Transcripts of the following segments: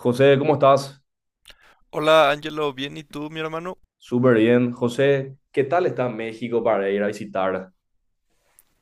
José, ¿cómo estás? Hola Ángelo, bien, ¿y tú, mi hermano? Súper bien. José, ¿qué tal está México para ir a visitar?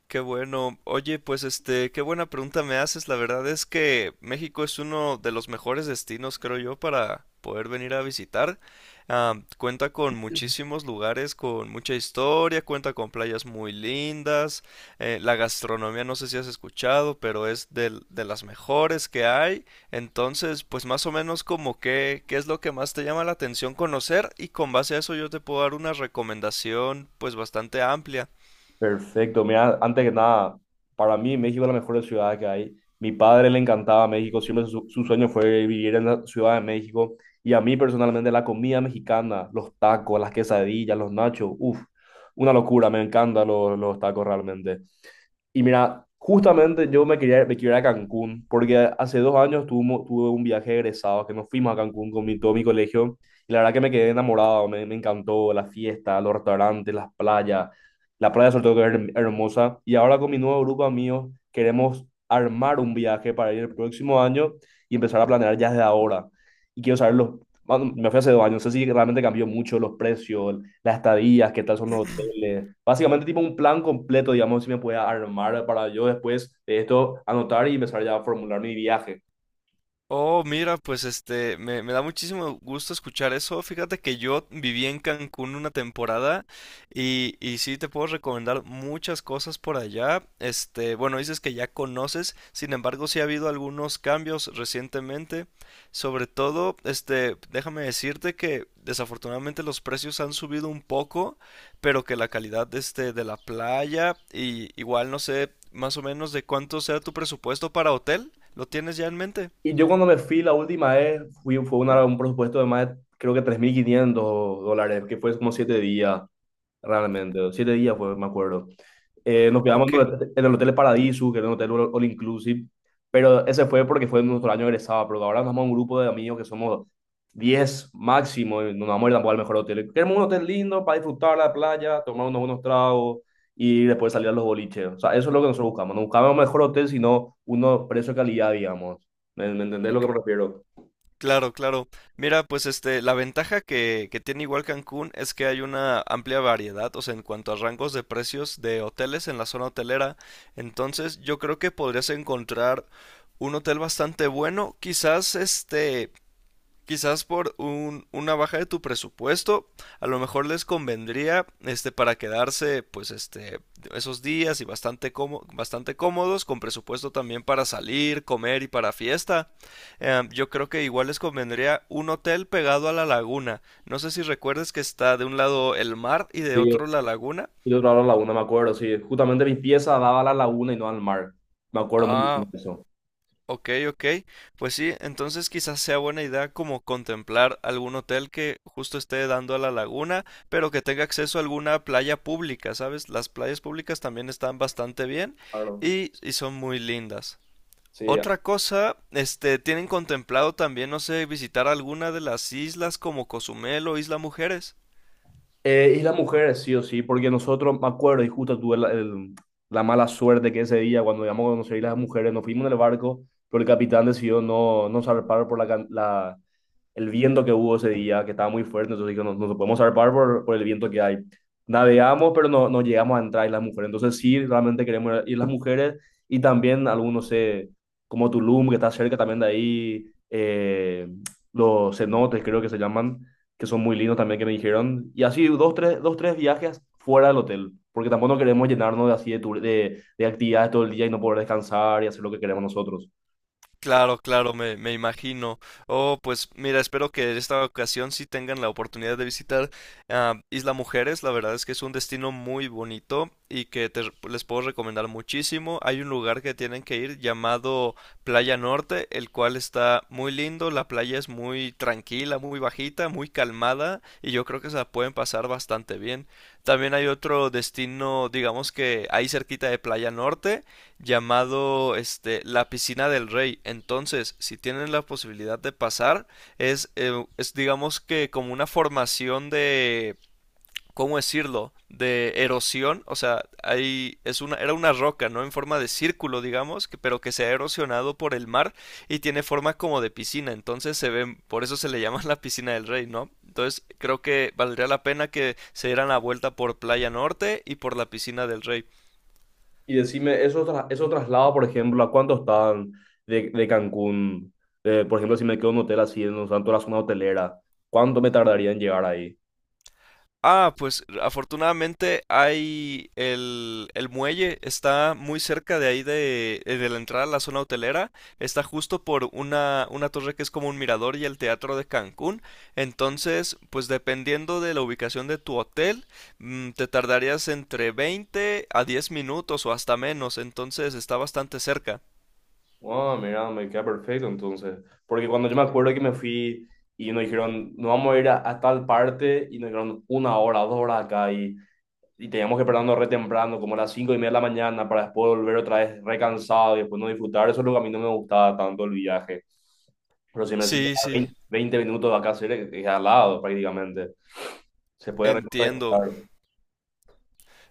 Qué bueno. Oye, qué buena pregunta me haces. La verdad es que México es uno de los mejores destinos, creo yo, para poder venir a visitar. Cuenta con muchísimos lugares, con mucha historia, cuenta con playas muy lindas. La gastronomía, no sé si has escuchado, pero es de las mejores que hay. Entonces, pues más o menos como que, qué es lo que más te llama la atención conocer y con base a eso yo te puedo dar una recomendación pues bastante amplia. Perfecto. Mira, antes que nada, para mí México es la mejor ciudad que hay. Mi padre le encantaba México, siempre su sueño fue vivir en la Ciudad de México. Y a mí personalmente la comida mexicana, los tacos, las quesadillas, los nachos, uff, una locura, me encantan los tacos realmente. Y mira, justamente yo me quería ir a Cancún, porque hace dos años tuve un viaje de egresados que nos fuimos a Cancún con todo mi colegio, y la verdad que me quedé enamorado, me encantó la fiesta, los restaurantes, las playas, la playa sobre todo que es hermosa, y ahora con mi nuevo grupo de amigos queremos armar un viaje para ir el próximo año y empezar a planear ya desde ahora. Y quiero saber bueno, me fui hace dos años, no sé si realmente cambió mucho los precios, las estadías, qué tal son los hoteles. Básicamente tipo un plan completo, digamos, si me puede armar para yo después de esto anotar y empezar ya a formular mi viaje. Oh, mira, me da muchísimo gusto escuchar eso. Fíjate que yo viví en Cancún una temporada y sí te puedo recomendar muchas cosas por allá. Este, bueno, dices que ya conoces, sin embargo, sí ha habido algunos cambios recientemente. Sobre todo, déjame decirte que desafortunadamente los precios han subido un poco, pero que la calidad este, de la playa y igual no sé más o menos de cuánto sea tu presupuesto para hotel, ¿lo tienes ya en mente? Y yo cuando me fui la última vez, fue un presupuesto de más de, creo que 3.500 dólares, que fue como 7 días, realmente. Siete días fue, me acuerdo. Nos quedamos Ok, en el hotel, en el Hotel Paradiso, que era un hotel all inclusive, pero ese fue porque fue nuestro año de egresado, pero ahora nos vamos a un grupo de amigos que somos 10 máximo y no nos vamos a ir tampoco al mejor hotel. Queremos un hotel lindo para disfrutar la playa, tomar unos buenos tragos y después salir a los boliches. O sea, eso es lo que nosotros buscamos. No buscamos un mejor hotel, sino uno precio-calidad, digamos. Me entendés lo ok, que me refiero? claro, claro. Mira, la ventaja que tiene igual Cancún es que hay una amplia variedad, o sea, en cuanto a rangos de precios de hoteles en la zona hotelera. Entonces, yo creo que podrías encontrar un hotel bastante bueno, quizás por una baja de tu presupuesto, a lo mejor les convendría para quedarse esos días y bastante cómodos con presupuesto también para salir, comer y para fiesta. Yo creo que igual les convendría un hotel pegado a la laguna. No sé si recuerdes que está de un lado el mar y de Sí, otro la laguna. y yo trabajaba en la laguna, me acuerdo, sí. Justamente mi pieza daba a la laguna y no al mar. Me acuerdo muy Ah, bien de eso. Ok, ok. Pues sí, entonces quizás sea buena idea como contemplar algún hotel que justo esté dando a la laguna, pero que tenga acceso a alguna playa pública, ¿sabes? Las playas públicas también están bastante bien Claro. y son muy lindas. Sí. Otra cosa, ¿tienen contemplado también, no sé, visitar alguna de las islas como Cozumel o Isla Mujeres? Y las mujeres, sí o sí, porque nosotros, me acuerdo, y justo tuve la mala suerte que ese día, cuando íbamos a conocer a las mujeres, nos fuimos en el barco, pero el capitán decidió no zarpar por el viento que hubo ese día, que estaba muy fuerte, entonces dijo, no, no podemos zarpar por el viento que hay. Navegamos, pero no llegamos a entrar y las mujeres, entonces sí, realmente queremos ir las mujeres, y también algunos, como Tulum, que está cerca también de ahí, los cenotes, creo que se llaman, que son muy lindos también que me dijeron. Y así dos, tres viajes fuera del hotel, porque tampoco no queremos llenarnos de así de actividades todo el día y no poder descansar y hacer lo que queremos nosotros. Claro, claro, me imagino. Oh, pues mira, espero que esta ocasión sí tengan la oportunidad de visitar Isla Mujeres. La verdad es que es un destino muy bonito y que les puedo recomendar muchísimo. Hay un lugar que tienen que ir llamado Playa Norte, el cual está muy lindo. La playa es muy tranquila, muy bajita, muy calmada y yo creo que se la pueden pasar bastante bien. También hay otro destino, digamos que ahí cerquita de Playa Norte llamado la piscina del rey. Entonces, si tienen la posibilidad de pasar, es digamos que como una formación de, ¿cómo decirlo? De erosión, o sea, hay es una era una roca, ¿no? En forma de círculo, digamos, que, pero que se ha erosionado por el mar y tiene forma como de piscina, entonces se ven, por eso se le llama la piscina del rey, ¿no? Entonces, creo que valdría la pena que se dieran la vuelta por Playa Norte y por la piscina del rey. Y decime, esos traslados, por ejemplo, ¿a cuánto están de Cancún? Por ejemplo, si me quedo en un hotel así, en un santo de la zona hotelera, ¿cuánto me tardaría en llegar ahí? Ah, pues afortunadamente el muelle, está muy cerca de ahí de la entrada a la zona hotelera, está justo por una torre que es como un mirador y el teatro de Cancún, entonces pues dependiendo de la ubicación de tu hotel, te tardarías entre 20 a 10 minutos o hasta menos, entonces está bastante cerca. Ah, mira, me queda perfecto entonces. Porque cuando yo me acuerdo que me fui y nos dijeron, nos vamos a ir a tal parte, y nos dijeron una hora, dos horas acá, y teníamos que pararnos re temprano, como a las 5 y media de la mañana, para después volver otra vez recansado y después no disfrutar. Eso es lo que a mí no me gustaba tanto el viaje. Pero si me decís Sí, a sí, 20, 20 minutos de acá, cerca, es al lado prácticamente. Se puede recorrer, entiendo. claro.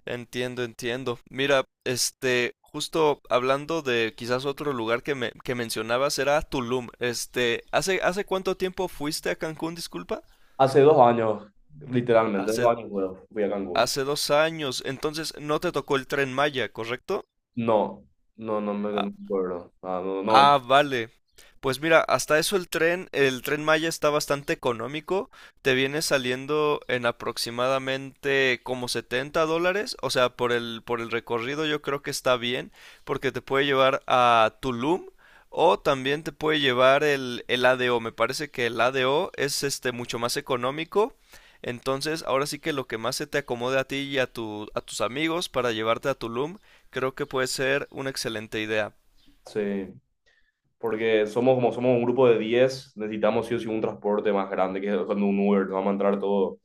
Entiendo, entiendo. Mira, justo hablando de quizás otro lugar que mencionabas era Tulum. Este, hace cuánto tiempo fuiste a Cancún, disculpa? Hace dos años, literalmente, hace Hace, dos años fui a Cancún. hace 2 años. Entonces, no te tocó el tren Maya, ¿correcto? No, no, no Ah, me acuerdo. Ah, no, no, ah, vale. Pues mira, hasta eso el Tren Maya está bastante económico. Te viene saliendo en aproximadamente como $70. O sea, por el recorrido yo creo que está bien, porque te puede llevar a Tulum o también te puede llevar el ADO. Me parece que el ADO es mucho más económico. Entonces, ahora sí que lo que más se te acomode a ti y a a tus amigos para llevarte a Tulum, creo que puede ser una excelente idea. sí. Porque somos un grupo de diez, necesitamos sí o sí un transporte más grande, que es cuando un Uber, nos vamos a entrar todo.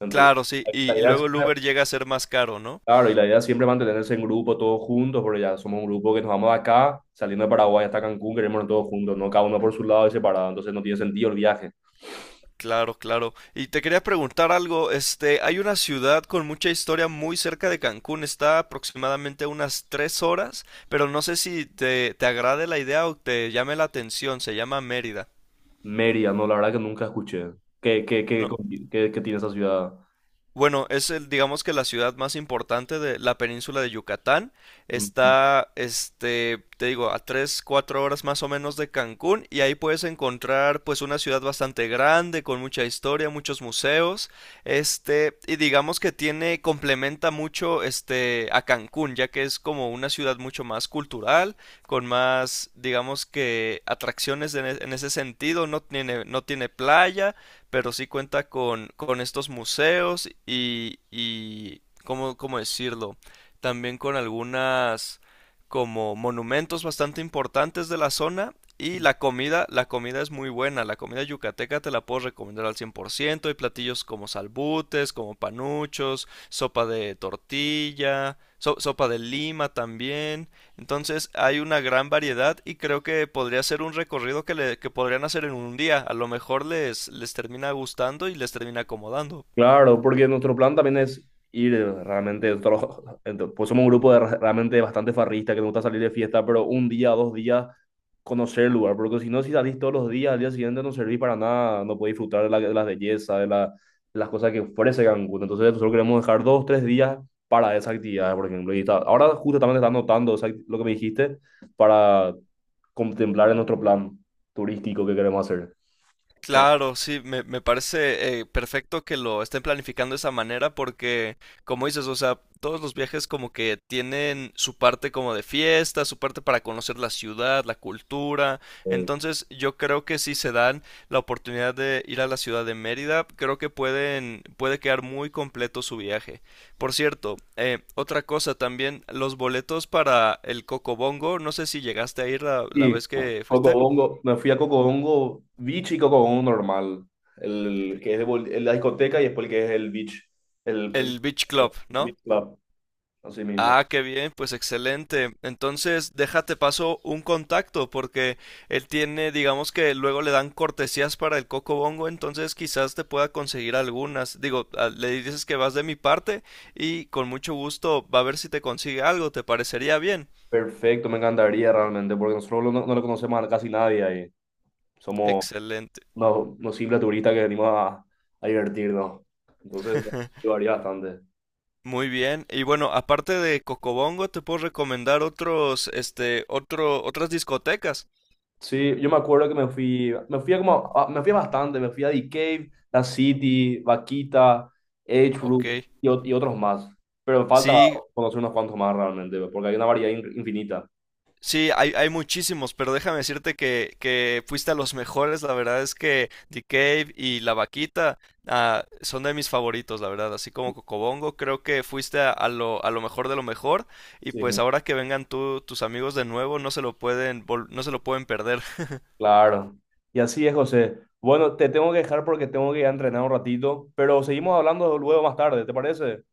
Entonces, Claro, sí, la y idea es... luego el Uber llega a ser más caro, ¿no? Claro, y la idea es siempre es mantenerse en grupo, todos juntos, porque ya somos un grupo que nos vamos de acá, saliendo de Paraguay hasta Cancún, queremos ir todos juntos, no cada uno por su lado y separado, entonces no tiene sentido el viaje. Claro, claro. Y te quería preguntar algo, hay una ciudad con mucha historia muy cerca de Cancún, está aproximadamente a unas 3 horas, pero no sé si te agrade la idea o te llame la atención, se llama Mérida. Mérida, no, la verdad que nunca escuché. ¿Qué, qué, qué, No, qué tiene esa ciudad? bueno, digamos que la ciudad más importante de la península de Yucatán. Mm. Está, te digo, a 3, 4 horas más o menos de Cancún y ahí puedes encontrar pues una ciudad bastante grande, con mucha historia, muchos museos, y digamos que tiene, complementa mucho a Cancún, ya que es como una ciudad mucho más cultural, con más, digamos que atracciones en ese sentido, no tiene playa pero sí cuenta con estos museos y cómo decirlo? También con algunas como monumentos bastante importantes de la zona y la comida es muy buena, la comida yucateca te la puedo recomendar al 100%, hay platillos como salbutes, como panuchos, sopa de tortilla, sopa de lima también, entonces hay una gran variedad y creo que podría ser un recorrido que podrían hacer en un día. A lo mejor les termina gustando y les termina acomodando. Claro, porque nuestro plan también es ir realmente, pues somos un grupo de realmente bastante farrista que nos gusta salir de fiesta, pero un día, dos días, conocer el lugar, porque si no, si salís todos los días, al día siguiente no servís para nada, no podés disfrutar de de las bellezas, de las cosas que ofrece Cancún. Entonces nosotros queremos dejar dos, tres días para esa actividad, por ejemplo. Y ahora justo también está anotando esa lo que me dijiste para contemplar en nuestro plan turístico que queremos hacer. Claro, sí, me parece perfecto que lo estén planificando de esa manera porque, como dices, o sea, todos los viajes como que tienen su parte como de fiesta, su parte para conocer la ciudad, la cultura. Eh, Entonces, yo creo que si se dan la oportunidad de ir a la ciudad de Mérida, creo que puede quedar muy completo su viaje. Por cierto, otra cosa también, los boletos para el Cocobongo, no sé si llegaste a ir la Sí, vez que fuiste, Cocobongo, me fui a Cocobongo Beach y Cocobongo normal, el que es de bol- el la discoteca y después el que es el beach, el el Beach Club, ¿no? beach club, así mismo. Ah, qué bien, pues excelente. Entonces, déjate paso un contacto porque él tiene, digamos que luego le dan cortesías para el Coco Bongo, entonces quizás te pueda conseguir algunas. Digo, le dices que vas de mi parte y con mucho gusto va a ver si te consigue algo, ¿te parecería bien? Perfecto, me encantaría realmente, porque nosotros no lo conocemos a casi nadie ahí. Somos Excelente. Unos simples turistas que venimos a divertirnos. Entonces, varía bastante. Muy bien. Y bueno, aparte de Cocobongo, te puedo recomendar otras discotecas. Sí, yo me acuerdo que me fui a como, a- me fui a bastante, me fui a The Cave, La City, Vaquita, Edgewood Ok. Y otros más. Pero me falta Sí, conocer unos cuantos más realmente, pues, porque hay una variedad infinita. sí, hay muchísimos, pero déjame decirte que fuiste a los mejores. La verdad es que The Cave y La Vaquita son de mis favoritos, la verdad. Así como Cocobongo, creo que fuiste a lo mejor de lo mejor. Y Sí, pues ahora que vengan tus amigos de nuevo, no se lo pueden, vol- no se lo pueden perder. claro. Y así es, José. Bueno, te tengo que dejar porque tengo que ir a entrenar un ratito, pero seguimos hablando luego más tarde, ¿te parece?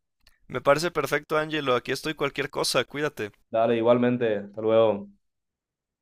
Me parece perfecto, Angelo. Aquí estoy cualquier cosa. Cuídate. Dale, igualmente. Hasta luego.